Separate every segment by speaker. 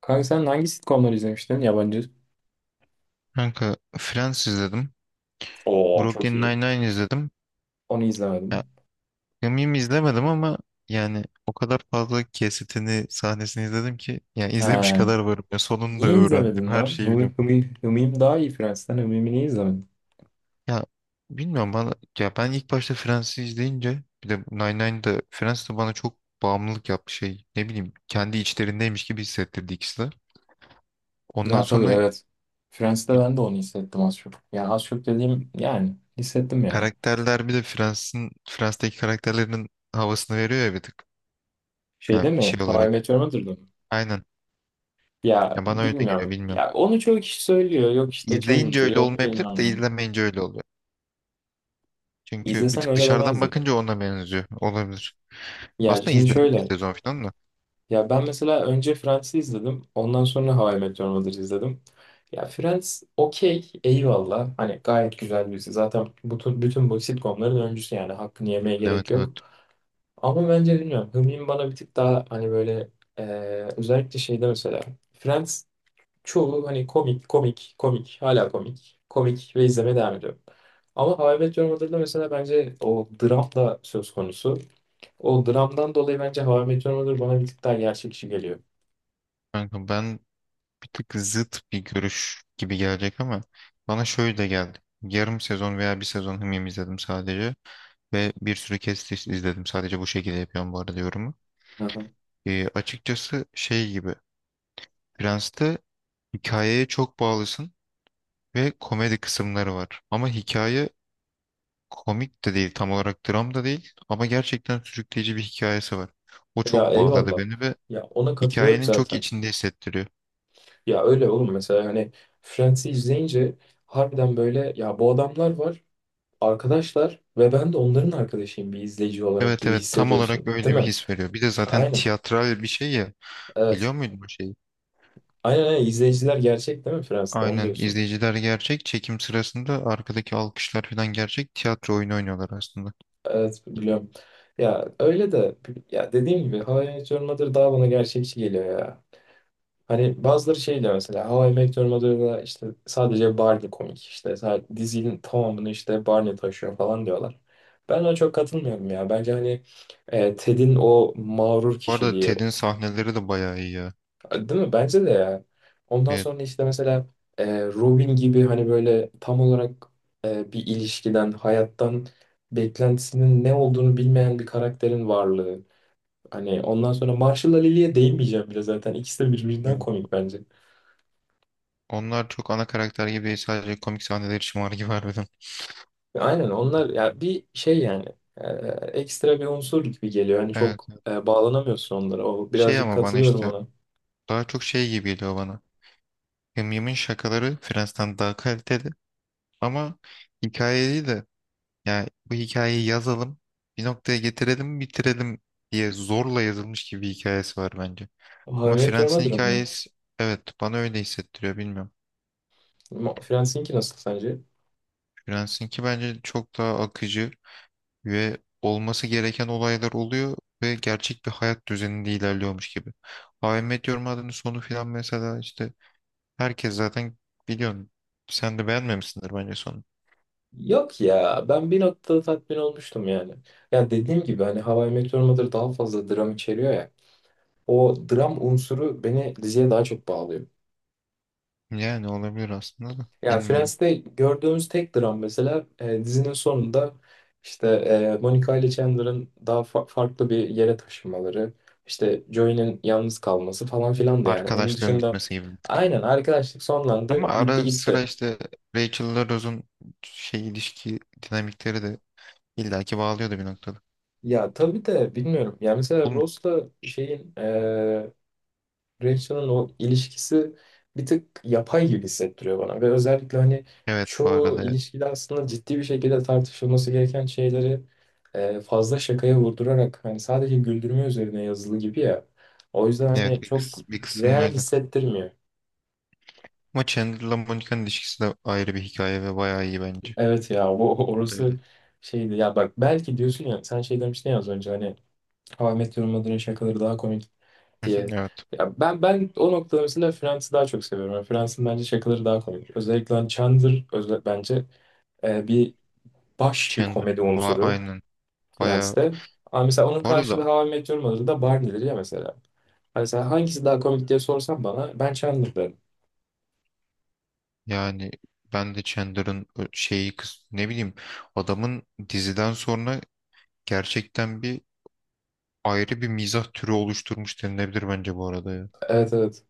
Speaker 1: Kanka sen hangi sitcomları izlemiştin yabancı?
Speaker 2: Kanka Friends izledim.
Speaker 1: Oo, çok
Speaker 2: Brooklyn
Speaker 1: iyi.
Speaker 2: Nine-Nine izledim.
Speaker 1: Onu
Speaker 2: Ya,
Speaker 1: izlemedim.
Speaker 2: Gamim izlemedim ama yani o kadar fazla kesitini, sahnesini izledim ki yani izlemiş
Speaker 1: Ha,
Speaker 2: kadar varım. Ya, sonunu da
Speaker 1: niye
Speaker 2: öğrendim.
Speaker 1: izlemedin
Speaker 2: Her
Speaker 1: lan?
Speaker 2: şeyi
Speaker 1: Hımim,
Speaker 2: biliyorum.
Speaker 1: Hımim, Hımim daha iyi Friends'ten. Hımim'i niye izlemedin?
Speaker 2: Ya bilmiyorum bana ya ben ilk başta Friends'i izleyince bir de Nine-Nine'da Friends de bana çok bağımlılık yaptı şey. Ne bileyim kendi içlerindeymiş gibi hissettirdi ikisi de. Ondan
Speaker 1: Ya tabii,
Speaker 2: sonra
Speaker 1: evet. Friends'te
Speaker 2: bir-
Speaker 1: ben de onu hissettim az çok. Yani az çok dediğim yani hissettim ya.
Speaker 2: karakterler bir de Friends'teki karakterlerin havasını veriyor ya bir tık. Yani
Speaker 1: Şeyde mi?
Speaker 2: şey
Speaker 1: How I
Speaker 2: olarak.
Speaker 1: Met Your Mother'da mı?
Speaker 2: Aynen.
Speaker 1: Ya
Speaker 2: Ya bana öyle geliyor
Speaker 1: bilmiyorum.
Speaker 2: bilmiyorum.
Speaker 1: Ya onu çoğu kişi söylüyor. Yok işte
Speaker 2: İzleyince
Speaker 1: çalıntı,
Speaker 2: öyle
Speaker 1: yok
Speaker 2: olmayabilir de
Speaker 1: bilmem ne.
Speaker 2: izlemeyince öyle oluyor. Çünkü bir
Speaker 1: İzlesen
Speaker 2: tık
Speaker 1: öyle
Speaker 2: dışarıdan
Speaker 1: demezdin.
Speaker 2: bakınca ona benziyor. Olabilir.
Speaker 1: Ya
Speaker 2: Aslında
Speaker 1: şimdi
Speaker 2: izledim bir
Speaker 1: şöyle.
Speaker 2: sezon falan da.
Speaker 1: Ya ben mesela önce Friends'i izledim. Ondan sonra How I Met Your Mother'ı izledim. Ya Friends okey, eyvallah. Hani gayet güzel bir dizi. Zaten bütün bu sitcomların öncüsü yani. Hakkını yemeye
Speaker 2: Evet,
Speaker 1: gerek yok.
Speaker 2: evet.
Speaker 1: Ama bence bilmiyorum. Hımim bana bir tık daha hani böyle e, özellikle şeyde mesela. Friends çoğu hani komik, komik, komik. Hala komik. Komik ve izlemeye devam ediyor. Ama How I Met Your Mother'da mesela bence o dram da söz konusu. O dramdan dolayı bence How I Met Your Mother bana bir tık daha gerçekçi geliyor.
Speaker 2: Kanka ben bir tık zıt bir görüş gibi gelecek ama bana şöyle de geldi. Yarım sezon veya bir sezon Hımyım izledim sadece. Ve bir sürü kesit izledim. Sadece bu şekilde yapıyorum bu arada yorumu.
Speaker 1: Aha.
Speaker 2: Açıkçası şey gibi. Prens'te hikayeye çok bağlısın ve komedi kısımları var. Ama hikaye komik de değil tam olarak dram da değil ama gerçekten sürükleyici bir hikayesi var. O
Speaker 1: Ya
Speaker 2: çok bağladı
Speaker 1: eyvallah.
Speaker 2: beni ve
Speaker 1: Ya ona katılıyorum
Speaker 2: hikayenin çok
Speaker 1: zaten.
Speaker 2: içinde hissettiriyor.
Speaker 1: Ya öyle oğlum, mesela hani Friends'i izleyince harbiden böyle ya bu adamlar var, arkadaşlar ve ben de onların arkadaşıyım bir izleyici olarak
Speaker 2: Evet,
Speaker 1: gibi
Speaker 2: evet, tam olarak
Speaker 1: hissediyorsun, değil
Speaker 2: öyle bir
Speaker 1: mi?
Speaker 2: his veriyor. Bir de zaten
Speaker 1: Aynen.
Speaker 2: tiyatral bir şey ya.
Speaker 1: Evet.
Speaker 2: Biliyor muydun bu şeyi?
Speaker 1: Aynen, aynen, izleyiciler gerçek, değil mi Friends'te, onu
Speaker 2: Aynen,
Speaker 1: diyorsun.
Speaker 2: izleyiciler gerçek, çekim sırasında arkadaki alkışlar falan gerçek, tiyatro oyunu oynuyorlar aslında.
Speaker 1: Evet, biliyorum. Ya öyle de ya dediğim gibi How I Met Your Mother daha bana gerçekçi geliyor ya. Hani bazıları şey diyor mesela, How I Met Your Mother'da işte sadece Barney komik, işte dizinin tamamını işte Barney taşıyor falan diyorlar. Ben ona çok katılmıyorum ya. Bence hani Ted'in o mağrur
Speaker 2: Bu arada
Speaker 1: kişiliği,
Speaker 2: Ted'in sahneleri de bayağı iyi ya.
Speaker 1: değil mi? Bence de ya. Ondan
Speaker 2: Evet,
Speaker 1: sonra işte mesela Robin gibi hani böyle tam olarak bir ilişkiden, hayattan beklentisinin ne olduğunu bilmeyen bir karakterin varlığı. Hani ondan sonra Marshall'la Lily'ye değinmeyeceğim bile zaten. İkisi de birbirinden
Speaker 2: evet.
Speaker 1: komik bence.
Speaker 2: Onlar çok ana karakter gibi değil, sadece komik sahneler için var gibi harbiden.
Speaker 1: Aynen, onlar ya bir şey yani e, ekstra bir unsur gibi geliyor. Hani
Speaker 2: Evet.
Speaker 1: çok bağlanamıyorsun onlara. O
Speaker 2: Şey
Speaker 1: birazcık
Speaker 2: ama bana
Speaker 1: katılıyorum
Speaker 2: işte
Speaker 1: ona.
Speaker 2: daha çok şey gibi geliyor bana. Yımyım'ın şakaları Friends'ten daha kaliteli ama hikayeyi de yani bu hikayeyi yazalım bir noktaya getirelim bitirelim diye zorla yazılmış gibi bir hikayesi var bence.
Speaker 1: How I
Speaker 2: Ama
Speaker 1: Met Your
Speaker 2: Friends'in
Speaker 1: Mother'ın mı?
Speaker 2: hikayesi, evet bana öyle hissettiriyor bilmiyorum.
Speaker 1: Friends'inki nasıl sence?
Speaker 2: Friends'inki bence çok daha akıcı ve olması gereken olaylar oluyor ve gerçek bir hayat düzeninde ilerliyormuş gibi. How I Met Your Mother'ın sonu filan mesela işte herkes zaten biliyorsun, sen de beğenmemişsindir bence sonu.
Speaker 1: Yok ya, ben bir noktada tatmin olmuştum yani. Ya dediğim gibi hani How I Met Your Mother daha fazla dram içeriyor ya. O dram unsuru beni diziye daha çok bağlıyor.
Speaker 2: Yani olabilir aslında da
Speaker 1: Ya
Speaker 2: bilmiyorum.
Speaker 1: Friends'te gördüğümüz tek dram mesela dizinin sonunda işte Monica ile Chandler'ın daha farklı bir yere taşınmaları, işte Joey'nin yalnız kalması falan filan da yani. Onun
Speaker 2: Arkadaşlığın
Speaker 1: dışında
Speaker 2: bitmesi gibi, bir tık.
Speaker 1: aynen, arkadaşlık
Speaker 2: Ama
Speaker 1: sonlandı, bitti
Speaker 2: ara sıra
Speaker 1: gitti.
Speaker 2: işte Rachel'la Rose'un şey ilişki dinamikleri de illaki bağlıyordu bir noktada.
Speaker 1: Ya tabii de bilmiyorum. Ya mesela
Speaker 2: Oğlum,
Speaker 1: Ross'la şeyin Rachel'ın o ilişkisi bir tık yapay gibi hissettiriyor bana ve özellikle hani
Speaker 2: evet bu
Speaker 1: çoğu
Speaker 2: arada evet.
Speaker 1: ilişkide aslında ciddi bir şekilde tartışılması gereken şeyleri fazla şakaya vurdurarak hani sadece güldürme üzerine yazılı gibi ya. O yüzden
Speaker 2: Evet,
Speaker 1: hani çok
Speaker 2: bir kısım
Speaker 1: real
Speaker 2: öyle.
Speaker 1: hissettirmiyor.
Speaker 2: Ama Chandler'la Monica'nın ilişkisi de ayrı bir hikaye ve bayağı iyi bence.
Speaker 1: Evet ya, o
Speaker 2: Bu da öyle.
Speaker 1: orası şeydi ya bak, belki diyorsun ya sen şey demiştin ya az önce hani, How I Met Your Mother'ın şakaları daha komik diye.
Speaker 2: Evet.
Speaker 1: Ya ben o noktada mesela Friends'i daha çok seviyorum. Yani Friends'in bence şakaları daha komik. Özellikle hani Chandler özel, bence bir baş bir
Speaker 2: Chandler
Speaker 1: komedi unsuru
Speaker 2: aynen. Bayağı
Speaker 1: Friends'te. Ama mesela onun
Speaker 2: bu arada
Speaker 1: karşılığı How I Met Your Mother'da Barney'dir ya mesela. Hani sen hangisi daha komik diye sorsan bana ben Chandler derim.
Speaker 2: yani ben de Chandler'ın şeyi kız ne bileyim adamın diziden sonra gerçekten bir ayrı bir mizah türü oluşturmuş denilebilir bence bu arada ya.
Speaker 1: Evet, evet.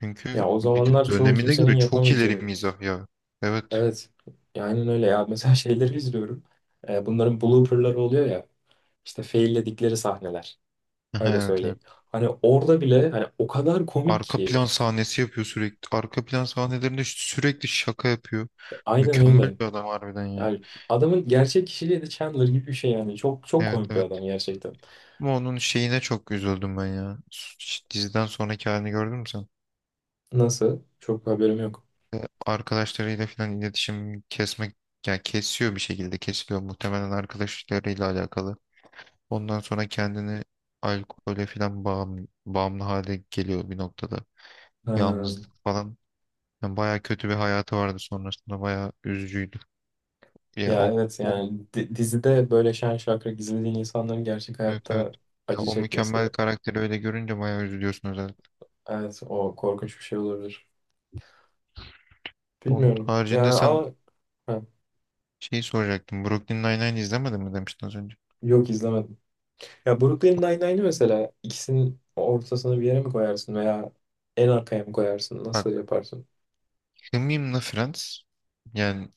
Speaker 2: Çünkü
Speaker 1: Ya o
Speaker 2: bir de
Speaker 1: zamanlar çoğu
Speaker 2: dönemine
Speaker 1: kimsenin
Speaker 2: göre çok ileri
Speaker 1: yapamayacağı.
Speaker 2: mizah ya. Evet.
Speaker 1: Evet. Ya aynen öyle ya. Mesela şeyleri izliyorum. Bunların blooperları oluyor ya. İşte failledikleri sahneler. Öyle
Speaker 2: Evet, evet.
Speaker 1: söyleyeyim. Hani orada bile hani o kadar komik
Speaker 2: Arka plan
Speaker 1: ki.
Speaker 2: sahnesi yapıyor sürekli. Arka plan sahnelerinde sürekli şaka yapıyor.
Speaker 1: Aynen
Speaker 2: Mükemmel
Speaker 1: öyle.
Speaker 2: bir adam harbiden ya.
Speaker 1: Yani adamın gerçek kişiliği de Chandler gibi bir şey yani. Çok çok
Speaker 2: Evet,
Speaker 1: komik bir
Speaker 2: evet.
Speaker 1: adam gerçekten.
Speaker 2: Ama onun şeyine çok üzüldüm ben ya. Diziden sonraki halini gördün mü sen?
Speaker 1: Nasıl? Çok haberim yok.
Speaker 2: Arkadaşlarıyla falan iletişim kesmek yani kesiyor, bir şekilde kesiliyor muhtemelen arkadaşlarıyla alakalı. Ondan sonra kendini alkole falan bağımlı hale geliyor bir noktada.
Speaker 1: Ha.
Speaker 2: Yalnızlık falan. Yani bayağı kötü bir hayatı vardı sonrasında. Bayağı üzücüydü. Ya
Speaker 1: Ya
Speaker 2: o,
Speaker 1: evet
Speaker 2: o
Speaker 1: yani dizide böyle şen şakrak gizlediğin insanların gerçek
Speaker 2: evet evet.
Speaker 1: hayatta
Speaker 2: Ya
Speaker 1: acı
Speaker 2: o mükemmel
Speaker 1: çekmesi,
Speaker 2: karakteri öyle görünce bayağı üzülüyorsun özellikle.
Speaker 1: evet, o korkunç bir şey olabilir.
Speaker 2: Onun
Speaker 1: Bilmiyorum. Yani
Speaker 2: haricinde sen
Speaker 1: ama ha,
Speaker 2: şeyi soracaktım. Brooklyn Nine-Nine izlemedin mi demiştin az önce.
Speaker 1: yok, izlemedim. Ya Brooklyn Nine-Nine'i mesela ikisinin ortasını bir yere mi koyarsın veya en arkaya mı koyarsın?
Speaker 2: Bak
Speaker 1: Nasıl yaparsın?
Speaker 2: Hımim'le Friends yani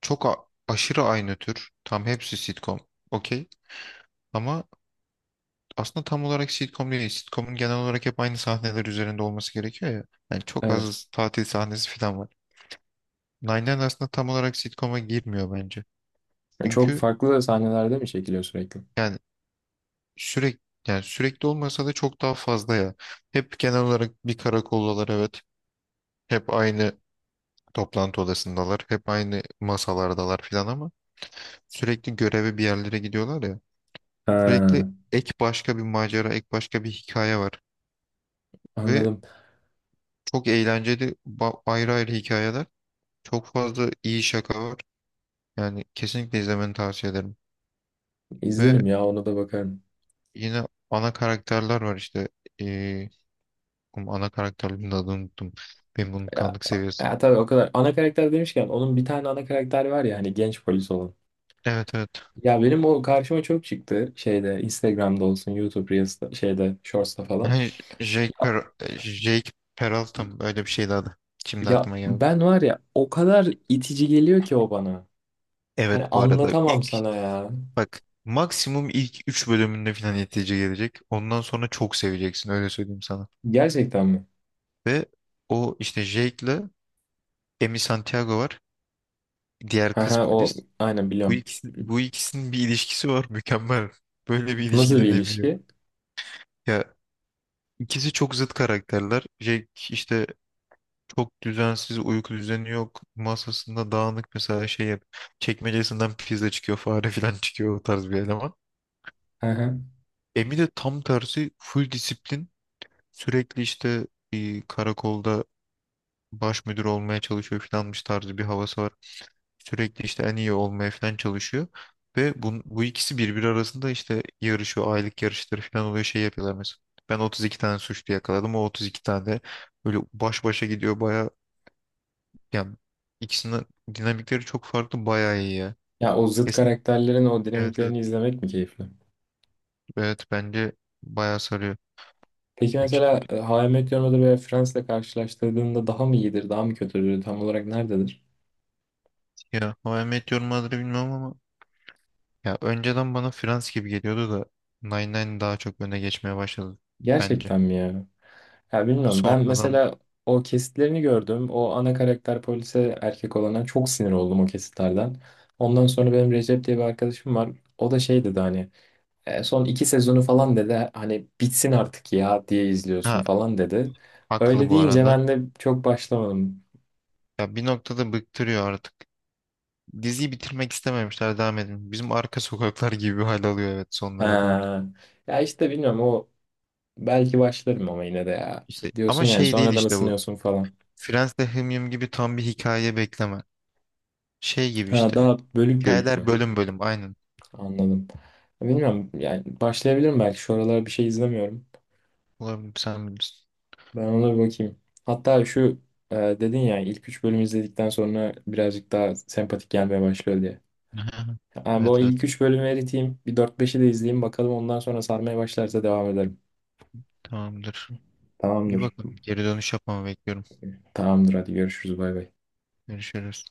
Speaker 2: çok aşırı aynı tür. Tam hepsi sitcom. Okey. Ama aslında tam olarak sitcom değil. Sitcom'un genel olarak hep aynı sahneler üzerinde olması gerekiyor ya. Yani çok
Speaker 1: Evet.
Speaker 2: az tatil sahnesi falan var. Nine Nine aslında tam olarak sitcom'a girmiyor bence.
Speaker 1: Yani çok
Speaker 2: Çünkü
Speaker 1: farklı sahnelerde mi çekiliyor sürekli?
Speaker 2: yani sürekli yani sürekli olmasa da çok daha fazla ya. Hep genel olarak bir karakoldalar, evet. Hep aynı toplantı odasındalar. Hep aynı masalardalar falan ama sürekli göreve bir yerlere gidiyorlar ya. Sürekli
Speaker 1: Ha.
Speaker 2: ek başka bir macera, ek başka bir hikaye var. Ve
Speaker 1: Anladım.
Speaker 2: çok eğlenceli ayrı ayrı hikayeler. Çok fazla iyi şaka var. Yani kesinlikle izlemeni tavsiye ederim. Ve
Speaker 1: İzlerim ya, ona da bakarım.
Speaker 2: yine ana karakterler var işte. Ee, oğlum ana karakterlerin adını unuttum. Benim
Speaker 1: Ya,
Speaker 2: unutkanlık seviyesi.
Speaker 1: ya, tabii o kadar. Ana karakter demişken onun bir tane ana karakter var ya hani, genç polis olan.
Speaker 2: Evet, evet.
Speaker 1: Ya benim o karşıma çok çıktı şeyde, Instagram'da olsun YouTube Reels'ta, şeyde Shorts'ta falan.
Speaker 2: Yani Jake,
Speaker 1: Ya,
Speaker 2: Per Jake Peralta mı? Öyle bir şeydi adı. Şimdi
Speaker 1: ya,
Speaker 2: aklıma geldi.
Speaker 1: ben var ya, o kadar itici geliyor ki o bana. Hani
Speaker 2: Evet bu arada
Speaker 1: anlatamam
Speaker 2: ilk
Speaker 1: sana ya.
Speaker 2: bak maksimum ilk 3 bölümünde falan netice gelecek. Ondan sonra çok seveceksin öyle söyleyeyim sana.
Speaker 1: Gerçekten mi?
Speaker 2: Ve o işte Jake'le Emi Santiago var. Diğer kız
Speaker 1: Haha, o
Speaker 2: polis.
Speaker 1: aynen
Speaker 2: Bu
Speaker 1: biliyorum.
Speaker 2: ikisi, bu ikisinin bir ilişkisi var mükemmel. Böyle bir ilişki
Speaker 1: Nasıl bir
Speaker 2: deneyimi yok.
Speaker 1: ilişki?
Speaker 2: Ya ikisi çok zıt karakterler. Jack işte çok düzensiz, uyku düzeni yok. Masasında dağınık mesela çekmecesinden pizza çıkıyor, fare falan çıkıyor o tarz bir eleman. Emi de tam tersi full disiplin. Sürekli işte bir karakolda baş müdür olmaya çalışıyor falanmış tarzı bir havası var. Sürekli işte en iyi olmaya falan çalışıyor. Ve bu ikisi birbiri arasında işte yarışıyor. Aylık yarışları falan oluyor. Şey yapıyorlar mesela. Ben 32 tane suçlu yakaladım. O 32 tane de böyle baş başa gidiyor. Baya yani ikisinin dinamikleri çok farklı. Baya iyi ya.
Speaker 1: Ya o zıt
Speaker 2: Kesin.
Speaker 1: karakterlerin o
Speaker 2: Evet, evet.
Speaker 1: dinamiklerini izlemek mi keyifli?
Speaker 2: Evet bence baya sarıyor.
Speaker 1: Peki
Speaker 2: Peki,
Speaker 1: mesela How I Met Your Mother veya Friends'le karşılaştırdığında daha mı iyidir, daha mı kötüdür, tam olarak nerededir?
Speaker 2: ya How I Met Your Mother'ı bilmem ama ya önceden bana Friends gibi geliyordu da Nine Nine daha çok öne geçmeye başladı bence.
Speaker 1: Gerçekten mi ya? Ya bilmiyorum. Ben
Speaker 2: Sonradan
Speaker 1: mesela o kesitlerini gördüm. O ana karakter polise, erkek olana çok sinir oldum o kesitlerden. Ondan sonra benim Recep diye bir arkadaşım var. O da şey dedi hani, "E, son iki sezonu falan" dedi hani, "bitsin artık ya diye
Speaker 2: ha
Speaker 1: izliyorsun falan" dedi.
Speaker 2: haklı
Speaker 1: Öyle
Speaker 2: bu
Speaker 1: deyince
Speaker 2: arada.
Speaker 1: ben de çok başlamadım.
Speaker 2: Ya bir noktada bıktırıyor artık. Diziyi bitirmek istememişler, devam edin. Bizim arka sokaklar gibi bir hal alıyor, evet sonlara doğru.
Speaker 1: Ha. Ya işte bilmiyorum, o belki başlarım ama yine de ya.
Speaker 2: İşte
Speaker 1: Diyorsun
Speaker 2: ama
Speaker 1: yani
Speaker 2: şey değil
Speaker 1: sonradan
Speaker 2: işte bu.
Speaker 1: ısınıyorsun falan.
Speaker 2: Friends'te Hım Yım gibi tam bir hikaye bekleme. Şey gibi
Speaker 1: Ha,
Speaker 2: işte.
Speaker 1: daha bölük bölük
Speaker 2: Hikayeler
Speaker 1: mü?
Speaker 2: bölüm bölüm aynen.
Speaker 1: Anladım. Bilmiyorum yani, başlayabilirim belki, şu aralar bir şey izlemiyorum.
Speaker 2: Olabilir sen bilirsin.
Speaker 1: Ben ona bir bakayım. Hatta şu dedin ya, ilk 3 bölümü izledikten sonra birazcık daha sempatik gelmeye başlıyor diye. Yani bu
Speaker 2: Evet, evet,
Speaker 1: ilk 3 bölümü eriteyim. Bir dört beşi de izleyeyim, bakalım ondan sonra sarmaya başlarsa devam ederim.
Speaker 2: tamamdır. İyi
Speaker 1: Tamamdır.
Speaker 2: bakalım. Geri dönüş yapmamı bekliyorum.
Speaker 1: Tamamdır, hadi görüşürüz, bay bay.
Speaker 2: Görüşürüz.